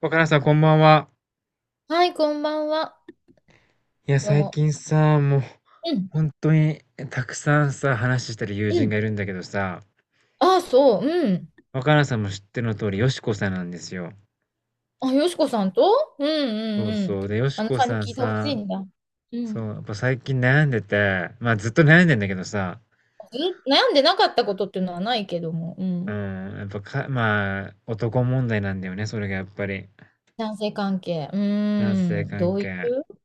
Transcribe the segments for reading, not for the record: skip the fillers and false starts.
若菜さん、こんばんは。はい、こんばんは。いや、どう最も。近さ、もう、うん、本当に、たくさんさ、話してる友う人がん。いるんだけどさ、あ、そう、うん。若菜さんも知ってるの通り、よしこさんなんですよ。あ、よしこさんと、うん、うそうん、うん。そう。で、よしあのこさんにさん聞いてほしさ、いんだ。うそん。う、やっぱ最近悩んでて、まあ、ずっと悩んでんだけどさ、ず悩んでなかったことっていうのはないけども、ううん。ん、やっぱか、まあ、男問題なんだよね、それがやっぱり。男性関係。う男性ーん。関どうい係。う、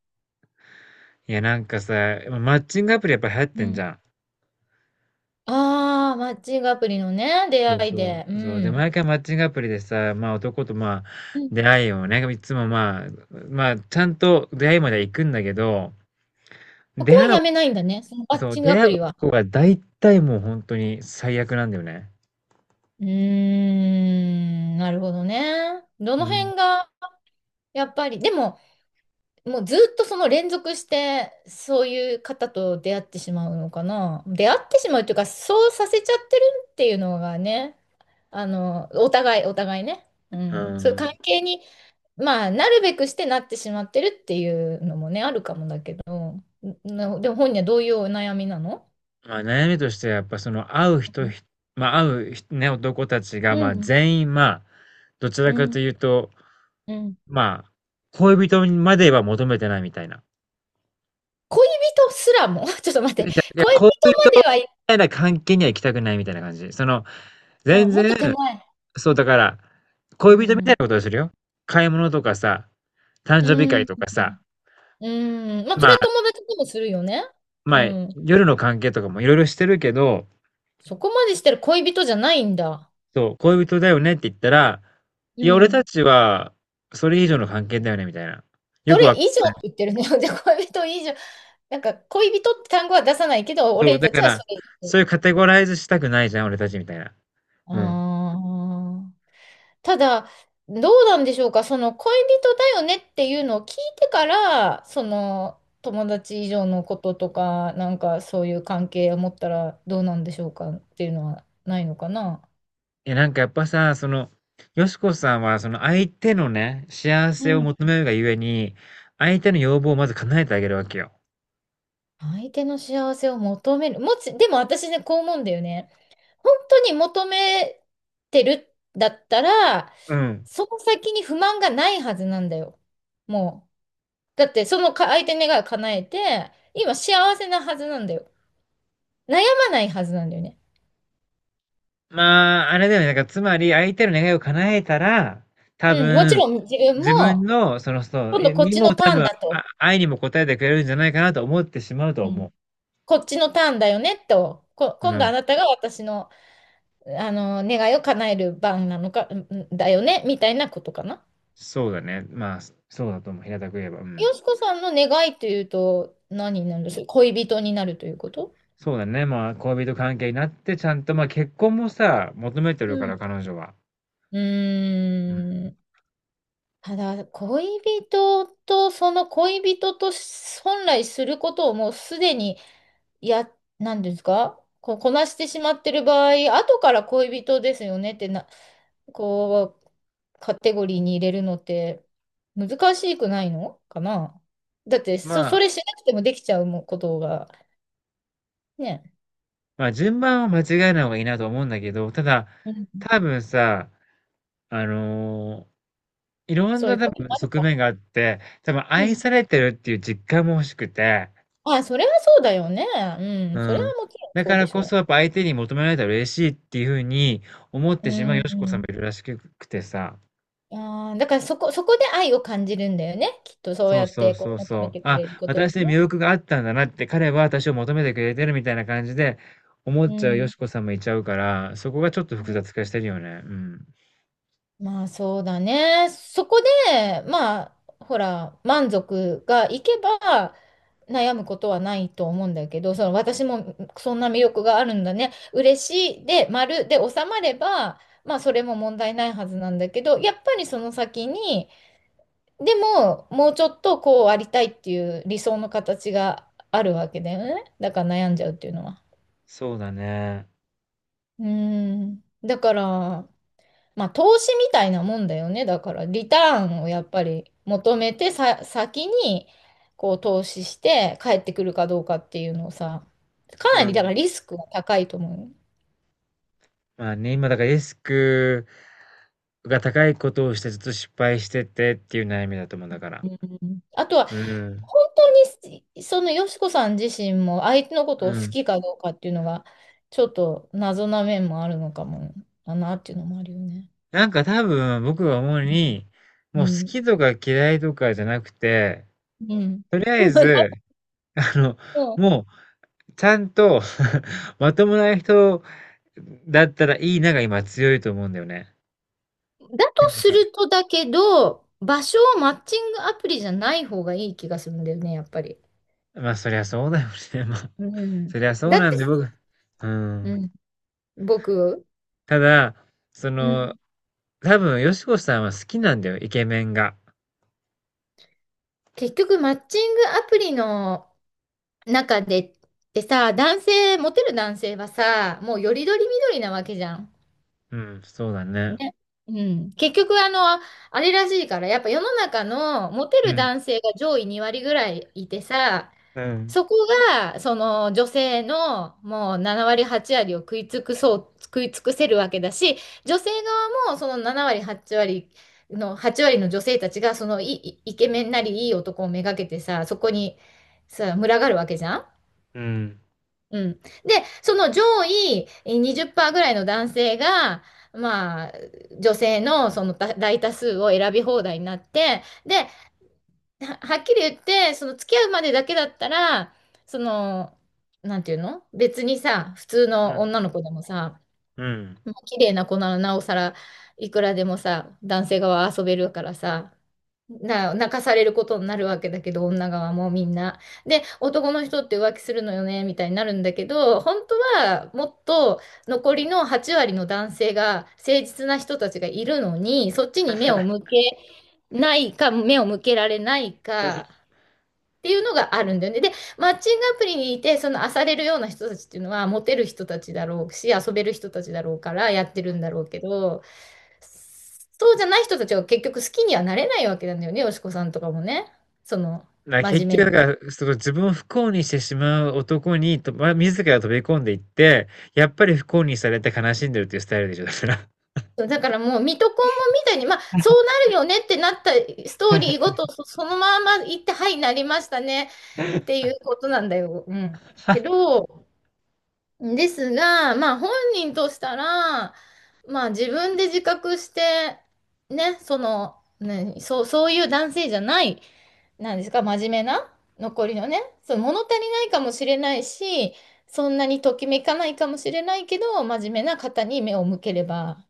いや、なんかさ、マッチングアプリやっぱ流行っうてんじん、ゃん。ああ、マッチングアプリのね、出そう会いそで。うう。そう。で、ん。毎回マッチングアプリでさ、まあ男とまあうん。出会いをね、いつもまあ、まあちゃんと出会いまでは行くんだけど、そ出こは会う、やめないんだね、そのマッそう、チング出ア会プうリは。男が大体もう本当に最悪なんだよね。うーん、なるほどね。どうのん。辺が、やっぱり、でも、もうずっとその連続してそういう方と出会ってしまうのかな。出会ってしまうというか、そうさせちゃってるっていうのがね、あの、お互い、お互いね。うん。うそういう関ん。係に、まあ、なるべくしてなってしまってるっていうのもね、あるかもだけど、でも本人はどういうお悩みなの？まあ悩みとしてはやっぱその会うう人、ん、ひまあ会うひね、男たちがまあ全員まあ、どちらうかん、というと、うん。まあ、恋人までは求めてないみたいな。恋人すらも、ちょっと待っで、て、じゃいや、恋恋人人まで、みはい、たいな関係には行きたくないみたいな感じ。その、あ、全もっと然、手前。そう、だから、う恋人みたいん。なことをするよ。買い物とかさ、誕生日う会ん。とかさ、うん。まあ、そまれはあ、友達でもするよね。うまあ、ん。夜の関係とかもいろいろしてるけど、そこまでしてる恋人じゃないんだ。そう、恋人だよねって言ったら、ういや、俺たん。ちは、それ以上の関係だよね、みたいな。よそくれは、以上って言ってるね。で、恋人以上。なんか、恋人って単語は出さないけど、そ俺う、だたちかはそら、れ以そうい上。うカテゴライズしたくないじゃん、俺たちみたいな。うん。ああ。ただ、どうなんでしょうか。その恋人だよねっていうのを聞いてから、その友達以上のこととか、なんかそういう関係を持ったらどうなんでしょうかっていうのはないのかな。いや、なんかやっぱさ、その、よしこさんは、その相手のね、幸せを求めるがゆえに、相手の要望をまず叶えてあげるわけよ。相手の幸せを求める。でも私ね、こう思うんだよね。本当に求めてるんだったら、うん。その先に不満がないはずなんだよ。もう。だって、その相手の願いを叶えて、今幸せなはずなんだよ。悩まないはずなんだよね。まあ、あれだよね。なんか、つまり、相手の願いを叶えたら、多うん、もち分、ろん自分自分も、の、その、そう、今度えこっにちのもタ多ーン分、だあ、と。愛にも応えてくれるんじゃないかなと思ってしまうとうん、思こっちのターンだよねと。う。う今度あん。なたが私の、あの願いを叶える番なのか、うんだよね、みたいなことかな。そうだね。まあ、そうだと思う。平たく言えば。うん。よしこさんの願いというと、何になるんですか？恋人になるということ？そうだね。まあ、恋人関係になって、ちゃんと、まあ、結婚もさ、求めてうるかん。ら、彼女は。ううーん。ん。ただ、恋人と、その恋人と本来することをもうすでに、や、なんですか、こう、こなしてしまってる場合、後から恋人ですよねってな、こう、カテゴリーに入れるのって難しくないのかな？だって、まそ、そあ、れしなくてもできちゃうもことが、ね。まあ、順番は間違えない方がいいなと思うんだけど、ただ、うん、多分さ、あのーいろんそういなう多ことも分ある側か。面があって、多分う愛ん。されてるっていう実感も欲しくて、あ、それはそうだよね。ううん。それはん。もちろんだそかうでらしこそょやっぱ相手に求められたら嬉しいっていうふうに思っう。うてしまうよん。しこうさんもん。いるらしくてさ。だからそこで愛を感じるんだよね。きっとそうそやうっそうてそこうう求そめう。てくあ、れることで私に魅ね。力があったんだなって、彼は私を求めてくれてるみたいな感じで思うっちゃうよん。しこさんもいちゃうから、そこがちょっと複雑化してるよね。うん。まあそうだね。そこで、まあ、ほら、満足がいけば悩むことはないと思うんだけど、その私もそんな魅力があるんだね、嬉しいで、丸で収まれば、まあそれも問題ないはずなんだけど、やっぱりその先に、でも、もうちょっとこうありたいっていう理想の形があるわけだよね。だから悩んじゃうっていうのは。そうだね。うーん。だから、まあ投資みたいなもんだよね。だから、リターンをやっぱり求めてさ、先にこう投資して帰ってくるかどうかっていうのをさ、かなうりだかん。らリスクが高いと思うよ。まあね、今だからリスクが高いことをしてずっと失敗しててっていう悩みだと思うんだから。あとはうん。本当にそのよしこさん自身も相手のこうとを好ん。きかどうかっていうのがちょっと謎な面もあるのかもだなっていうのもあるよね。なんか多分僕が思うに、もうう好ん。きとか嫌いとかじゃなくて、うん。とりあえ だず、あの、ともうちゃんと まともな人だったらいいなが今強いと思うんだよね。だとするとだけど、場所をマッチングアプリじゃない方がいい気がするんだよね、やっぱり。まあそりゃそうだよね。まあ、うん。そりゃそだうっなんて、で僕、ううん。ん、僕、ただ、そうの、ん、多分、よしこさんは好きなんだよ、イケメンが。結局マッチングアプリの中で、でさ、モテる男性はさ、もうよりどりみどりなわけじゃん。うん、そうだね。ね。うん。結局、あの、あれらしいから、やっぱ世の中のモテうるん、男性が上位2割ぐらいいてさ、うん、そこが、その女性のもう7割8割を食い尽くせるわけだし、女性側もその7割8割の、8割の女性たちが、そのイイケメンなりいい男をめがけてさ、そこにさ、群がるわけじゃん。うん、うん。で、その上位20%ぐらいの男性が、まあ、女性のその大大多数を選び放題になって、で、はっきり言って、その付き合うまでだけだったら、その、なんていうの、別にさ、普通うのん、女の子でもさ、うん。まあ綺麗な子ならなおさら、いくらでもさ、男性側は遊べるからさ、泣かされることになるわけだけど、女側もみんな。で、男の人って浮気するのよね、みたいになるんだけど、本当はもっと残りの8割の男性が誠実な人たちがいるのに、そっちに目を向けないか、目を向けられないか。っていうのがあるんだよね。で、マッチングアプリにいて、その漁れるような人たちっていうのは、モテる人たちだろうし、遊べる人たちだろうからやってるんだろうけど、そうじゃない人たちは結局好きにはなれないわけなんだよね、よしこさんとかもね。その、な、真結面目局、だで。から、その自分を不幸にしてしまう男に、と、ま、自ら飛び込んでいって、やっぱり不幸にされて悲しんでるっていうスタイルでしょ、だから。そうだからもう、水戸黄門みたいに、まあ、そうなるよねってなったストーリーごと、そのまま行って、はい、なりましたねっていうことなんだよ。うん。け ど、ですが、まあ本人としたら、まあ自分で自覚して、ね、その、ね、そういう男性じゃない、なんですか、真面目な、残りのね、その物足りないかもしれないし、そんなにときめかないかもしれないけど、真面目な方に目を向ければ、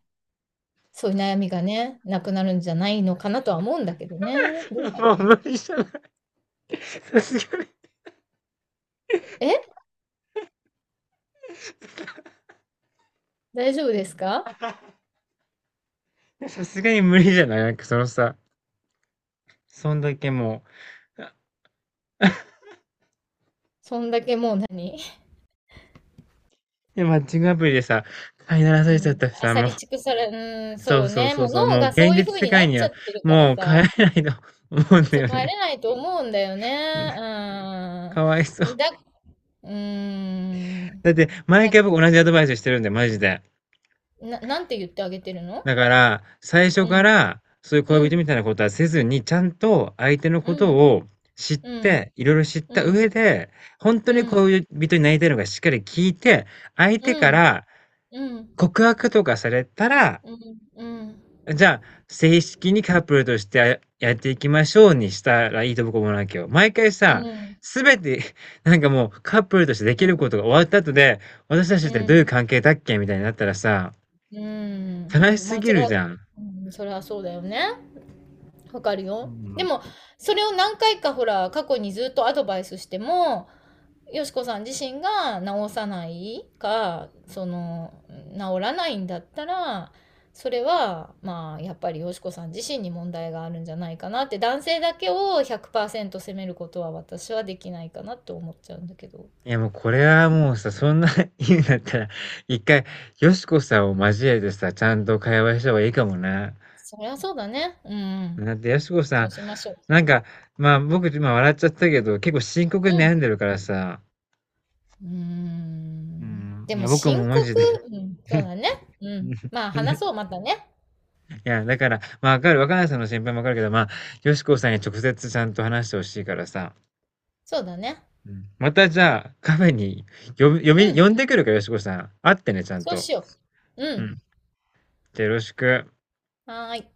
そういう悩みがね、なくなるんじゃないのかなとは思うんだけどね。どうだもうろ無理じゃない。さすがう。大丈夫ですか？に、さすがに無理じゃない なんかそのさ、そんだけもう、あそんだけもう何？で、マッチングアプリでさ、飼いならさうれちゃっん。たしアさ、サもう。リチクサラ、うん、そそううそうね。そうもうそう、脳もうが現そうい実う風世にな界っにちは、ゃってるからもう帰さ、れないと 思うんだそよこ入ね。れないと思うんだよね。かわいそうう。ーん。うーん。だって、毎だ、回僕同じアドバイスしてるんで、マジで。なんて言ってあげてるの？だから、最初うかん。ら、そういうう恋人みん。たいなことはせずに、ちゃんと相手のうことん。を知っうて、ん。いろいろ知っうた上ん。で、本当にうん。恋人になりたいのかしっかり聞いて、相手うかん。らうん。告白とかされたらうん。うん。うん。じゃあ、正式にカップルとしてやっていきましょうにしたらいいと僕は思うわけよ。毎回うさ、ん。すべて、なんかもうカップルとしてできることが終わった後で、私たちうってどういうん。関係だっけみたいになったらさ、う悲しん。間す違っぎるじゃん。うん、それはそうだよね。わかるんよ。うでん。も、それを何回かほら、過去にずっとアドバイスしても、よしこさん自身が治さないか、その、治らないんだったら、それは、まあ、やっぱりよしこさん自身に問題があるんじゃないかなって、男性だけを100%責めることは私はできないかなって思っちゃうんだけど。いやもうこれはもうさ、そんな 言うんだったら、一回、よしこさんを交えてさ、ちゃんと会話した方がいいかもね。そりゃそうだね。うん、うん。だって、よしこさそうん、しましょなんか、まあ僕今笑っちゃったけど、結構深刻う。うに悩んん。でるからさ、うーうん。ん、でいやも僕も深マ刻、ジでうん、そうだね。ううん ん。まあ いや、話いそう、またね。やだから、まあ、わかる、若菜さんの心配もわかるけど、まあ、よしこさんに直接ちゃんと話してほしいからさ、そうだね。うん、またじゃあ、カフェにうん。呼んでくるから、よしこさん。会ってね、ちゃんそうと。しよう。ううん。ん。じゃあよろしく。はーい。